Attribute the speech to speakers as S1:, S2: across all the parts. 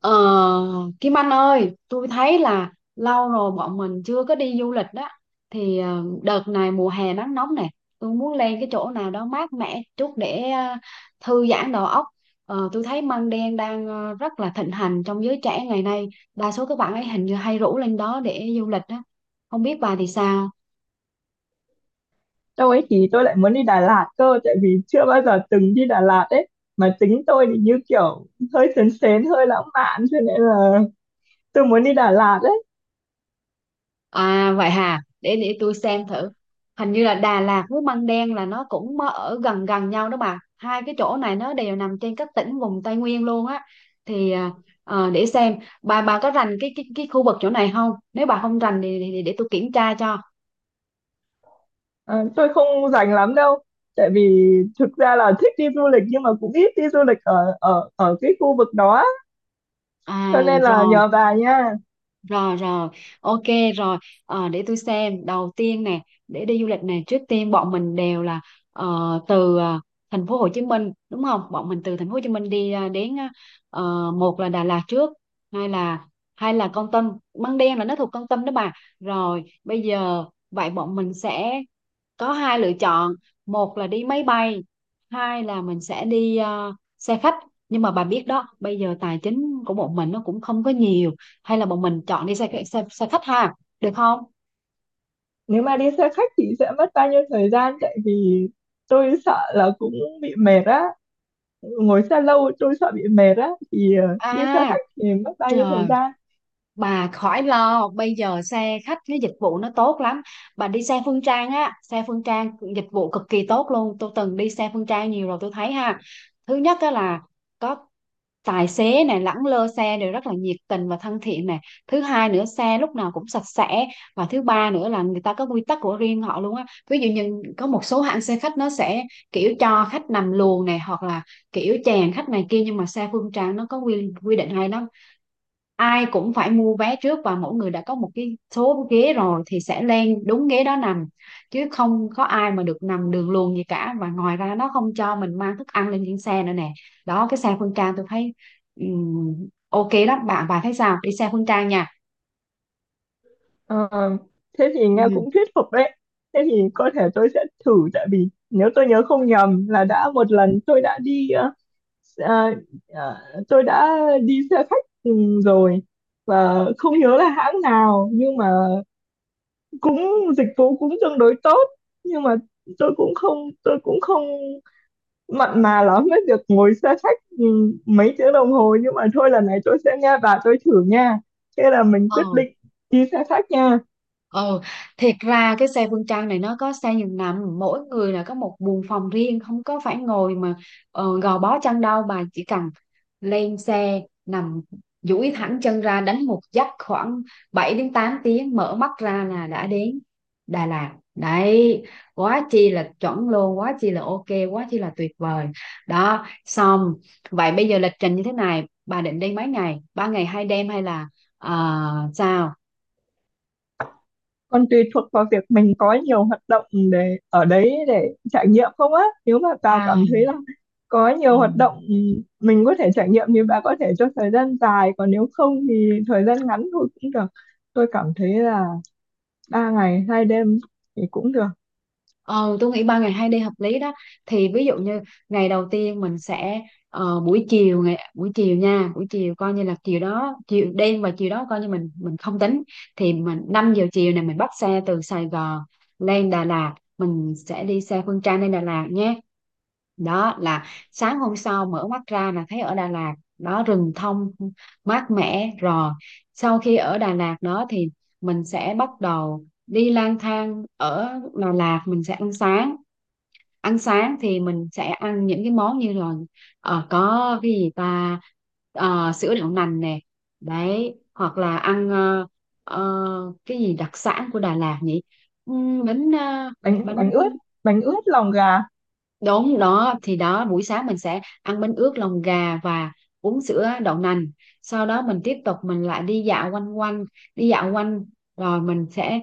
S1: Ờ, Kim Anh ơi, tôi thấy là lâu rồi bọn mình chưa có đi du lịch đó. Đợt này mùa hè nắng nóng này, tôi muốn lên cái chỗ nào đó mát mẻ chút để thư giãn đầu óc. Tôi thấy măng đen đang rất là thịnh hành trong giới trẻ ngày nay. Đa số các bạn ấy hình như hay rủ lên đó để du lịch đó. Không biết bà thì sao?
S2: Đâu ấy thì tôi lại muốn đi Đà Lạt cơ, tại vì chưa bao giờ từng đi Đà Lạt ấy, mà tính tôi thì như kiểu hơi sến sến hơi lãng mạn, cho nên là tôi muốn đi Đà Lạt ấy.
S1: À vậy hà, để tôi xem thử. Hình như là Đà Lạt với Măng Đen là nó cũng mơ- ở gần gần nhau đó bà. Hai cái chỗ này nó đều nằm trên các tỉnh vùng Tây Nguyên luôn á. Thì à, để xem bà có rành cái khu vực chỗ này không? Nếu bà không rành thì để tôi kiểm tra cho.
S2: Ờ, tôi không rành lắm đâu, tại vì thực ra là thích đi du lịch, nhưng mà cũng ít đi du lịch ở ở ở cái khu vực đó á.
S1: À
S2: Cho nên là
S1: rồi.
S2: nhờ bà nha.
S1: Rồi rồi, ok rồi. Ờ, để tôi xem. Đầu tiên nè, để đi du lịch nè, trước tiên bọn mình đều là ờ, từ thành phố Hồ Chí Minh đúng không? Bọn mình từ thành phố Hồ Chí Minh đi đến một là Đà Lạt trước, hai là hay là Kon Tum, Măng Đen là nó thuộc Kon Tum đó bà. Rồi, bây giờ vậy bọn mình sẽ có hai lựa chọn: một là đi máy bay, hai là mình sẽ đi xe khách. Nhưng mà bà biết đó, bây giờ tài chính của bọn mình nó cũng không có nhiều, hay là bọn mình chọn đi xe xe, xe khách ha, được không?
S2: Nếu mà đi xe khách thì sẽ mất bao nhiêu thời gian, tại vì tôi sợ là cũng bị mệt á, ngồi xe lâu tôi sợ bị mệt á. Thì đi xe
S1: À
S2: khách thì mất bao nhiêu thời
S1: trời,
S2: gian?
S1: bà khỏi lo, bây giờ xe khách cái dịch vụ nó tốt lắm. Bà đi xe Phương Trang á, xe Phương Trang dịch vụ cực kỳ tốt luôn, tôi từng đi xe Phương Trang nhiều rồi tôi thấy ha. Thứ nhất á là có tài xế này lẳng lơ xe đều rất là nhiệt tình và thân thiện này, thứ hai nữa xe lúc nào cũng sạch sẽ, và thứ ba nữa là người ta có quy tắc của riêng họ luôn á. Ví dụ như có một số hãng xe khách nó sẽ kiểu cho khách nằm luồng này hoặc là kiểu chèn khách này kia, nhưng mà xe Phương Trang nó có quy quy định, hay nó ai cũng phải mua vé trước và mỗi người đã có một cái số ghế rồi thì sẽ lên đúng ghế đó nằm, chứ không có ai mà được nằm đường luồn gì cả. Và ngoài ra nó không cho mình mang thức ăn lên trên xe nữa nè. Đó, cái xe Phương Trang tôi thấy ừm, ok lắm bạn, bà thấy sao, đi xe Phương Trang nha.
S2: Ờ, thế thì nghe cũng thuyết phục đấy. Thế thì có thể tôi sẽ thử, tại vì nếu tôi nhớ không nhầm là đã một lần tôi đã đi, ờ, ờ, tôi đã đi xe khách ừ, rồi, và không nhớ là hãng nào, nhưng mà cũng dịch vụ cũng tương đối tốt. Nhưng mà tôi cũng không tôi cũng không mặn mà lắm với việc ngồi xe khách ừ, mấy tiếng đồng hồ, nhưng mà thôi lần này tôi sẽ nghe bà, tôi thử nha. Thế là mình quyết
S1: Ừ.
S2: định đi xe khách nha.
S1: Ừ, thiệt ra cái xe Phương Trang này nó có xe giường nằm, mỗi người là có một buồng phòng riêng, không có phải ngồi mà gò bó chăn đâu, mà chỉ cần lên xe nằm duỗi thẳng chân ra đánh một giấc khoảng 7 đến 8 tiếng, mở mắt ra là đã đến Đà Lạt đấy. Quá chi là chuẩn luôn, quá chi là ok, quá chi là tuyệt vời. Đó xong, vậy bây giờ lịch trình như thế này, bà định đi mấy ngày, ba ngày hai đêm hay là sao?
S2: Còn tùy thuộc vào việc mình có nhiều hoạt động để ở đấy để trải nghiệm không á. Nếu mà bà
S1: Ba.
S2: cảm thấy là có
S1: Ừ.
S2: nhiều hoạt động ừ, mình có thể trải nghiệm, thì bà có thể cho thời gian dài, còn nếu không thì thời gian ngắn thôi cũng được. Tôi cảm thấy là ba ngày hai đêm thì cũng được.
S1: Ờ, tôi nghĩ ba ngày hai đêm hợp lý đó. Thì ví dụ như ngày đầu tiên mình sẽ buổi chiều, ngày buổi chiều nha, buổi chiều coi như là chiều đó, chiều đêm và chiều đó coi như mình không tính, thì mình 5 giờ chiều này mình bắt xe từ Sài Gòn lên Đà Lạt, mình sẽ đi xe Phương Trang lên Đà Lạt nhé. Đó là sáng hôm sau mở mắt ra là thấy ở Đà Lạt đó, rừng thông mát mẻ rồi. Sau khi ở Đà Lạt đó thì mình sẽ bắt đầu đi lang thang ở Đà Lạt, mình sẽ ăn sáng. Ăn sáng thì mình sẽ ăn những cái món như là có cái gì ta. Ờ, sữa đậu nành nè, đấy, hoặc là ăn cái gì đặc sản của Đà Lạt nhỉ? Bánh
S2: bánh
S1: bánh.
S2: bánh ướt, bánh ướt lòng gà.
S1: Đúng đó, thì đó buổi sáng mình sẽ ăn bánh ướt lòng gà và uống sữa đậu nành. Sau đó mình tiếp tục, mình lại đi dạo quanh quanh, đi dạo quanh, rồi mình sẽ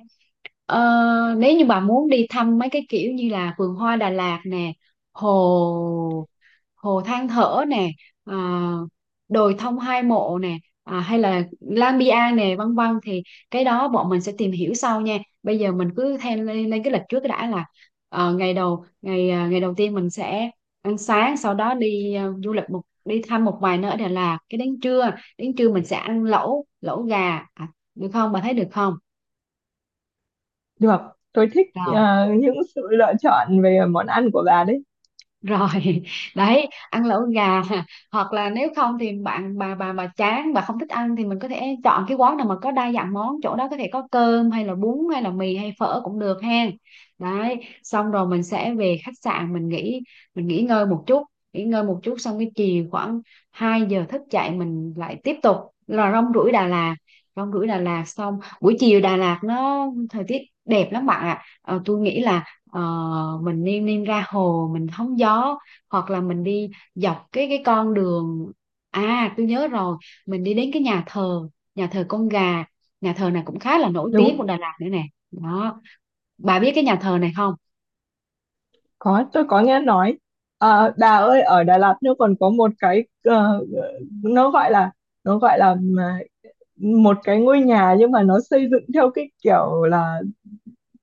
S1: Ờ, nếu như bà muốn đi thăm mấy cái kiểu như là vườn hoa Đà Lạt nè, hồ hồ Than Thở nè, ờ, đồi Thông Hai Mộ nè, à, hay là Lang Biang nè, vân vân, thì cái đó bọn mình sẽ tìm hiểu sau nha. Bây giờ mình cứ theo lên, lên cái lịch trước đã, là ngày đầu tiên mình sẽ ăn sáng, sau đó đi à, du lịch một đi thăm một vài nơi ở Đà Lạt. Cái đến trưa, đến trưa mình sẽ ăn lẩu, lẩu gà, à, được không? Bà thấy được không?
S2: Được, tôi thích những sự lựa chọn về món ăn của bà đấy.
S1: Rồi. Đấy ăn lẩu gà, hoặc là nếu không thì bạn bà mà chán, bà không thích ăn thì mình có thể chọn cái quán nào mà có đa dạng món, chỗ đó có thể có cơm hay là bún hay là mì hay phở cũng được ha. Đấy. Xong rồi mình sẽ về khách sạn mình nghỉ, mình nghỉ ngơi một chút. Nghỉ ngơi một chút xong cái chiều khoảng 2 giờ thức dậy, mình lại tiếp tục là rong ruổi Đà Lạt. Rong ruổi Đà Lạt xong, buổi chiều Đà Lạt nó thời tiết đẹp lắm bạn ạ. Ờ, tôi nghĩ là Ờ, mình niêm niêm ra hồ mình hóng gió, hoặc là mình đi dọc cái con đường. À tôi nhớ rồi, mình đi đến cái nhà thờ, nhà thờ Con Gà, nhà thờ này cũng khá là nổi tiếng
S2: Đúng.
S1: của Đà Lạt nữa nè. Đó. Bà biết cái nhà thờ này không?
S2: Có, tôi có nghe nói. À, bà ơi, ở Đà Lạt nó còn có một cái, nó gọi là, nó gọi là mà- một cái ngôi nhà nhưng mà nó xây dựng theo cái kiểu là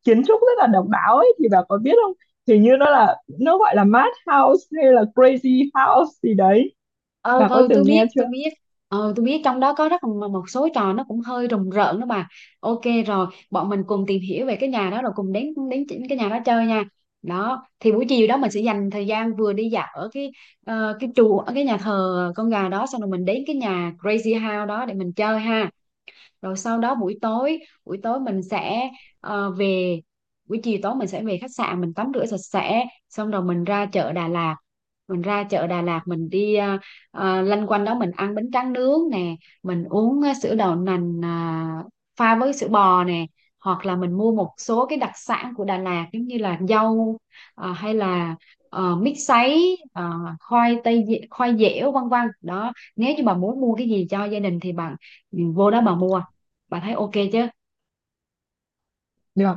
S2: kiến trúc rất là độc đáo ấy, thì bà có biết không? Hình như nó là, nó gọi là mad house hay là crazy house gì đấy.
S1: ừ
S2: Bà có
S1: ừ
S2: từng
S1: tôi biết,
S2: nghe chưa?
S1: tôi biết. Ừ tôi biết, trong đó có rất là một số trò nó cũng hơi rùng rợn đó bà. Ok, rồi bọn mình cùng tìm hiểu về cái nhà đó rồi cùng đến đến chỉ- cái nhà đó chơi nha. Đó thì buổi chiều đó mình sẽ dành thời gian vừa đi dạo ở cái chùa, ở cái nhà thờ Con Gà đó xong rồi mình đến cái nhà Crazy House đó để mình chơi ha. Rồi sau đó buổi tối, buổi tối mình sẽ ờ, về buổi chiều tối mình sẽ về khách sạn, mình tắm rửa sạch sẽ xong rồi mình ra chợ Đà Lạt, mình ra chợ Đà Lạt mình đi lanh quanh đó, mình ăn bánh tráng nướng nè, mình uống sữa đậu nành à, pha với sữa bò nè, hoặc là mình mua một số cái đặc sản của Đà Lạt giống như là dâu, hay là mít sấy, khoai tây dẻ- khoai dẻo vân vân đó. Nếu như bà muốn mua cái gì cho gia đình thì bạn ừ, vô đó bà mua. Bà thấy ok chứ?
S2: Được.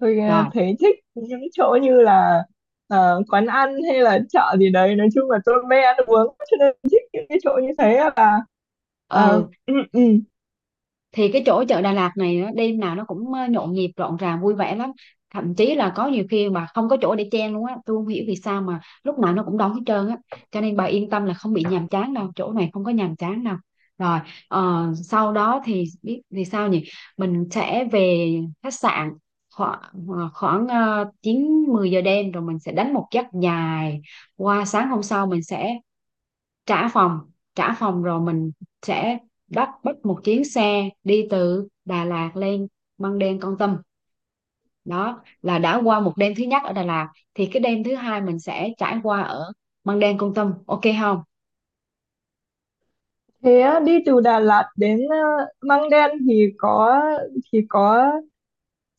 S2: Tôi
S1: Rồi.
S2: thấy thích những chỗ như là quán ăn hay là chợ gì đấy. Nói chung là tôi mê ăn uống, cho nên thích những cái chỗ như thế là
S1: Ừ, thì cái chỗ chợ Đà Lạt này á, đêm nào nó cũng nhộn nhịp rộn ràng vui vẻ lắm, thậm chí là có nhiều khi mà không có chỗ để chen luôn á, tôi không hiểu vì sao mà lúc nào nó cũng đóng hết trơn á, cho nên bà yên tâm là không bị nhàm chán đâu, chỗ này không có nhàm chán đâu. Rồi, sau đó thì biết vì sao nhỉ, mình sẽ về khách sạn khoảng khoảng 9, 10 giờ đêm, rồi mình sẽ đánh một giấc dài. Qua sáng hôm sau mình sẽ trả phòng, trả phòng rồi mình sẽ bắt bắt một chuyến xe đi từ Đà Lạt lên Măng Đen, Kon Tum. Đó là đã qua một đêm thứ nhất ở Đà Lạt, thì cái đêm thứ hai mình sẽ trải qua ở Măng Đen, Kon Tum, ok không?
S2: Thế á, đi từ Đà Lạt đến Măng Đen thì có, thì có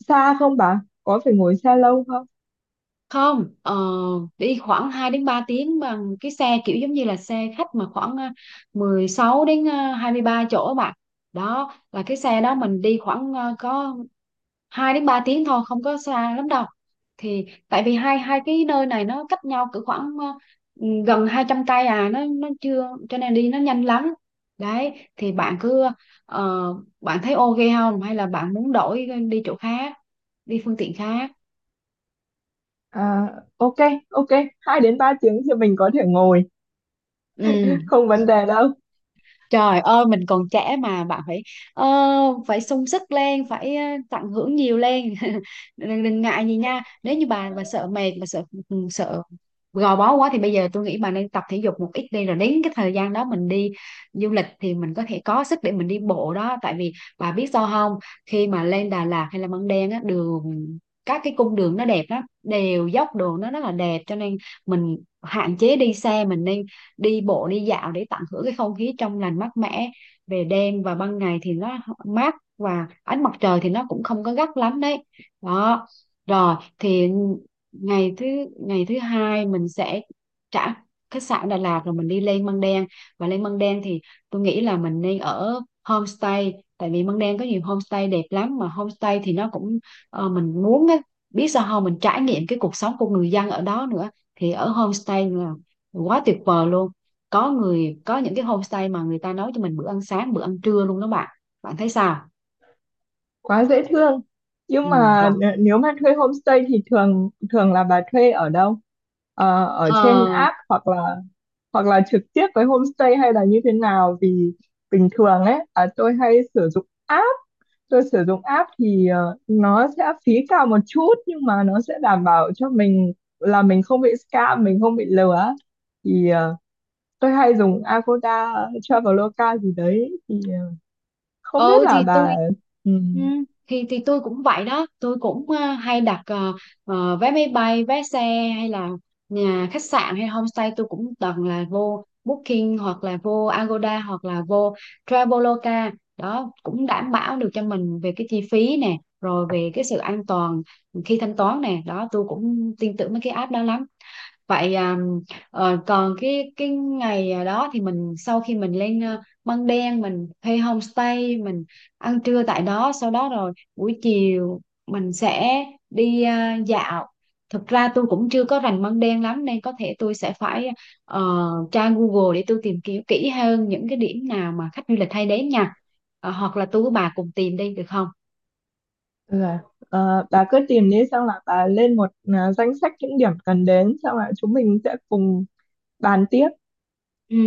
S2: xa không bà? Có phải ngồi xe lâu không?
S1: Không, đi khoảng 2 đến 3 tiếng, bằng cái xe kiểu giống như là xe khách mà khoảng à, 16 đến 23 chỗ bạn. Đó là cái xe đó mình đi khoảng à, có 2 đến 3 tiếng thôi, không có xa lắm đâu, thì tại vì hai hai cái nơi này nó cách nhau cỡ khoảng gần 200 cây à, nó chưa, cho nên đi nó nhanh lắm. Đấy thì bạn cứ ờ, bạn thấy ok không, hay là bạn muốn đổi đi chỗ khác, đi phương tiện khác?
S2: À, ok, ok, 2 đến 3 tiếng thì mình có thể ngồi,
S1: Ừ.
S2: không vấn đề đâu.
S1: Trời ơi mình còn trẻ mà bạn, phải ờ, phải sung sức lên, phải tận hưởng nhiều lên. Đừng, đừng ngại gì nha, nếu như bà sợ mệt, bà sợ ừ, sợ gò bó quá thì bây giờ tôi nghĩ bà nên tập thể dục một ít đi, rồi đến cái Thời gian đó mình đi du lịch thì mình có thể có sức để mình đi bộ đó, tại vì bà biết sao không? Khi mà lên Đà Lạt hay là Măng Đen á, đường các cái cung đường nó đẹp lắm, đều dốc, đường nó rất là đẹp, cho nên mình hạn chế đi xe, mình nên đi bộ đi dạo để tận hưởng cái không khí trong lành mát mẻ về đêm, và ban ngày thì nó mát và ánh mặt trời thì nó cũng không có gắt lắm đấy đó. Rồi thì ngày thứ ngày thứ hai mình sẽ trả khách sạn Đà Lạt rồi mình đi lên Măng Đen. Và lên Măng Đen thì tôi nghĩ là mình nên ở homestay, tại vì Măng Đen có nhiều homestay đẹp lắm, mà homestay thì nó cũng mình muốn á, biết sao không, mình trải nghiệm cái cuộc sống của người dân ở đó nữa. Thì ở homestay là quá tuyệt vời luôn, có người có những cái homestay mà người ta nấu cho mình bữa ăn sáng bữa ăn trưa luôn đó bạn. Bạn thấy sao?
S2: Quá dễ thương. Nhưng
S1: Ừ. Rồi.
S2: mà nếu mà thuê homestay thì thường thường là bà thuê ở đâu? Ở trên
S1: Ờ,
S2: app hoặc là, hoặc là trực tiếp với homestay, hay là như thế nào? Vì bình thường ấy, à, tôi hay sử dụng app. Tôi sử dụng app thì nó sẽ phí cao một chút, nhưng mà nó sẽ đảm bảo cho mình là mình không bị scam, mình không bị lừa. Thì tôi hay dùng Agoda, Traveloka gì đấy. Thì không biết
S1: ừ
S2: là
S1: thì tôi
S2: bà
S1: ừ,
S2: ừm,
S1: thì tôi cũng vậy đó, tôi cũng hay đặt vé máy bay, vé xe hay là nhà khách sạn hay homestay, tôi cũng toàn là vô Booking hoặc là vô Agoda hoặc là vô Traveloka đó, cũng đảm bảo được cho mình về cái chi phí nè rồi về cái sự an toàn khi thanh toán nè đó. Tôi cũng tin tưởng mấy cái app đó lắm. Vậy à, còn cái ngày à, đó thì mình sau khi mình lên Măng Đen, mình thuê homestay, mình ăn trưa tại đó, sau đó rồi buổi chiều mình sẽ đi à, dạo. Thực ra tôi cũng chưa có rành Măng Đen lắm nên có thể tôi sẽ phải ờ, tra Google để tôi tìm kiếm kỹ hơn những cái điểm nào mà khách du lịch hay đến nha. Ờ, hoặc là tôi với bà cùng tìm đi được không?
S2: là bà cứ tìm đi, xong là bà lên một, danh sách những điểm cần đến, xong là chúng mình sẽ cùng bàn tiếp.
S1: Ừ.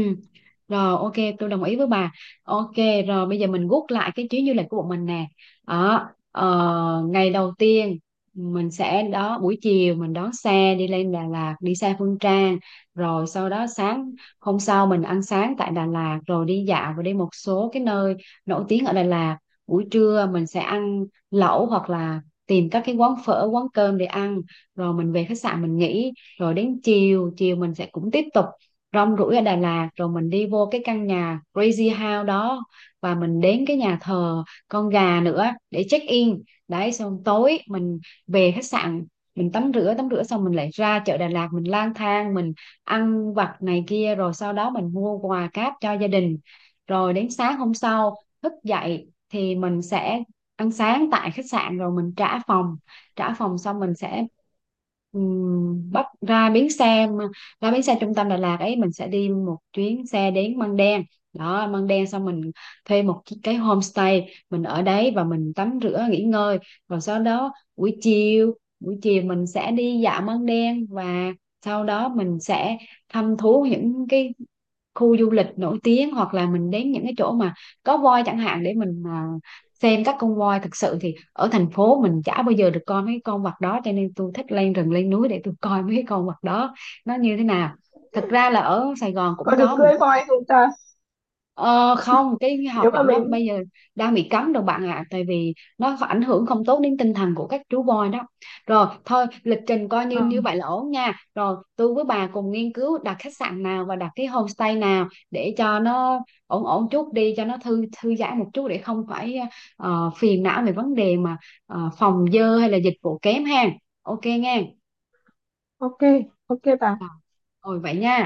S1: Rồi, ok, tôi đồng ý với bà. Ok, rồi bây giờ mình gút lại cái chuyến du lịch của bọn mình nè đó. Ờ, ngày đầu tiên mình sẽ đó buổi chiều mình đón xe đi lên Đà Lạt, đi xe Phương Trang, rồi sau đó sáng hôm sau mình ăn sáng tại Đà Lạt rồi đi dạo và đi một số cái nơi nổi tiếng ở Đà Lạt. Buổi trưa mình sẽ ăn lẩu hoặc là tìm các cái quán phở quán cơm để ăn, rồi mình về khách sạn mình nghỉ. Rồi đến chiều chiều mình sẽ cũng tiếp tục rong ruổi ở Đà Lạt, rồi mình đi vô cái căn nhà Crazy House đó và mình đến cái nhà thờ con gà nữa để check in. Đấy, xong tối mình về khách sạn, mình tắm rửa, tắm rửa xong mình lại ra chợ Đà Lạt mình lang thang mình ăn vặt này kia, rồi sau đó mình mua quà cáp cho gia đình. Rồi đến sáng hôm sau thức dậy thì mình sẽ ăn sáng tại khách sạn rồi mình trả phòng. Trả phòng xong mình sẽ bắt ra bến xe, ra bến xe trung tâm Đà Lạt ấy, mình sẽ đi một chuyến xe đến Măng Đen. Đó, Măng Đen xong mình thuê một cái homestay, mình ở đấy và mình tắm rửa nghỉ ngơi, rồi sau đó buổi chiều, buổi chiều mình sẽ đi dạo Măng Đen. Và sau đó mình sẽ thăm thú những cái khu du lịch nổi tiếng hoặc là mình đến những cái chỗ mà có voi chẳng hạn để mình à, xem các con voi. Thực sự thì ở thành phố mình chả bao giờ được coi mấy con vật đó, cho nên tôi thích lên rừng lên núi để tôi coi mấy con vật đó nó như thế nào. Thật ra là ở Sài Gòn cũng
S2: Có được
S1: có, mình
S2: cưỡi
S1: có.
S2: voi không ta?
S1: Ờ, không, cái cái
S2: Nếu
S1: hoạt
S2: mà
S1: động đó
S2: mình,
S1: bây giờ đang bị cấm rồi bạn ạ, à, tại vì nó ảnh hưởng không tốt đến tinh thần của các chú voi đó. Rồi thôi lịch trình coi
S2: ờ,
S1: như như vậy là ổn nha, rồi tôi với bà cùng nghiên cứu đặt khách sạn nào và đặt cái homestay nào để cho nó ổn ổn chút đi cho nó thư thư giãn một chút để không phải phiền não về vấn đề mà phòng dơ hay là dịch vụ kém ha. Ok nghe.
S2: ok, ok bà.
S1: Rồi vậy nha.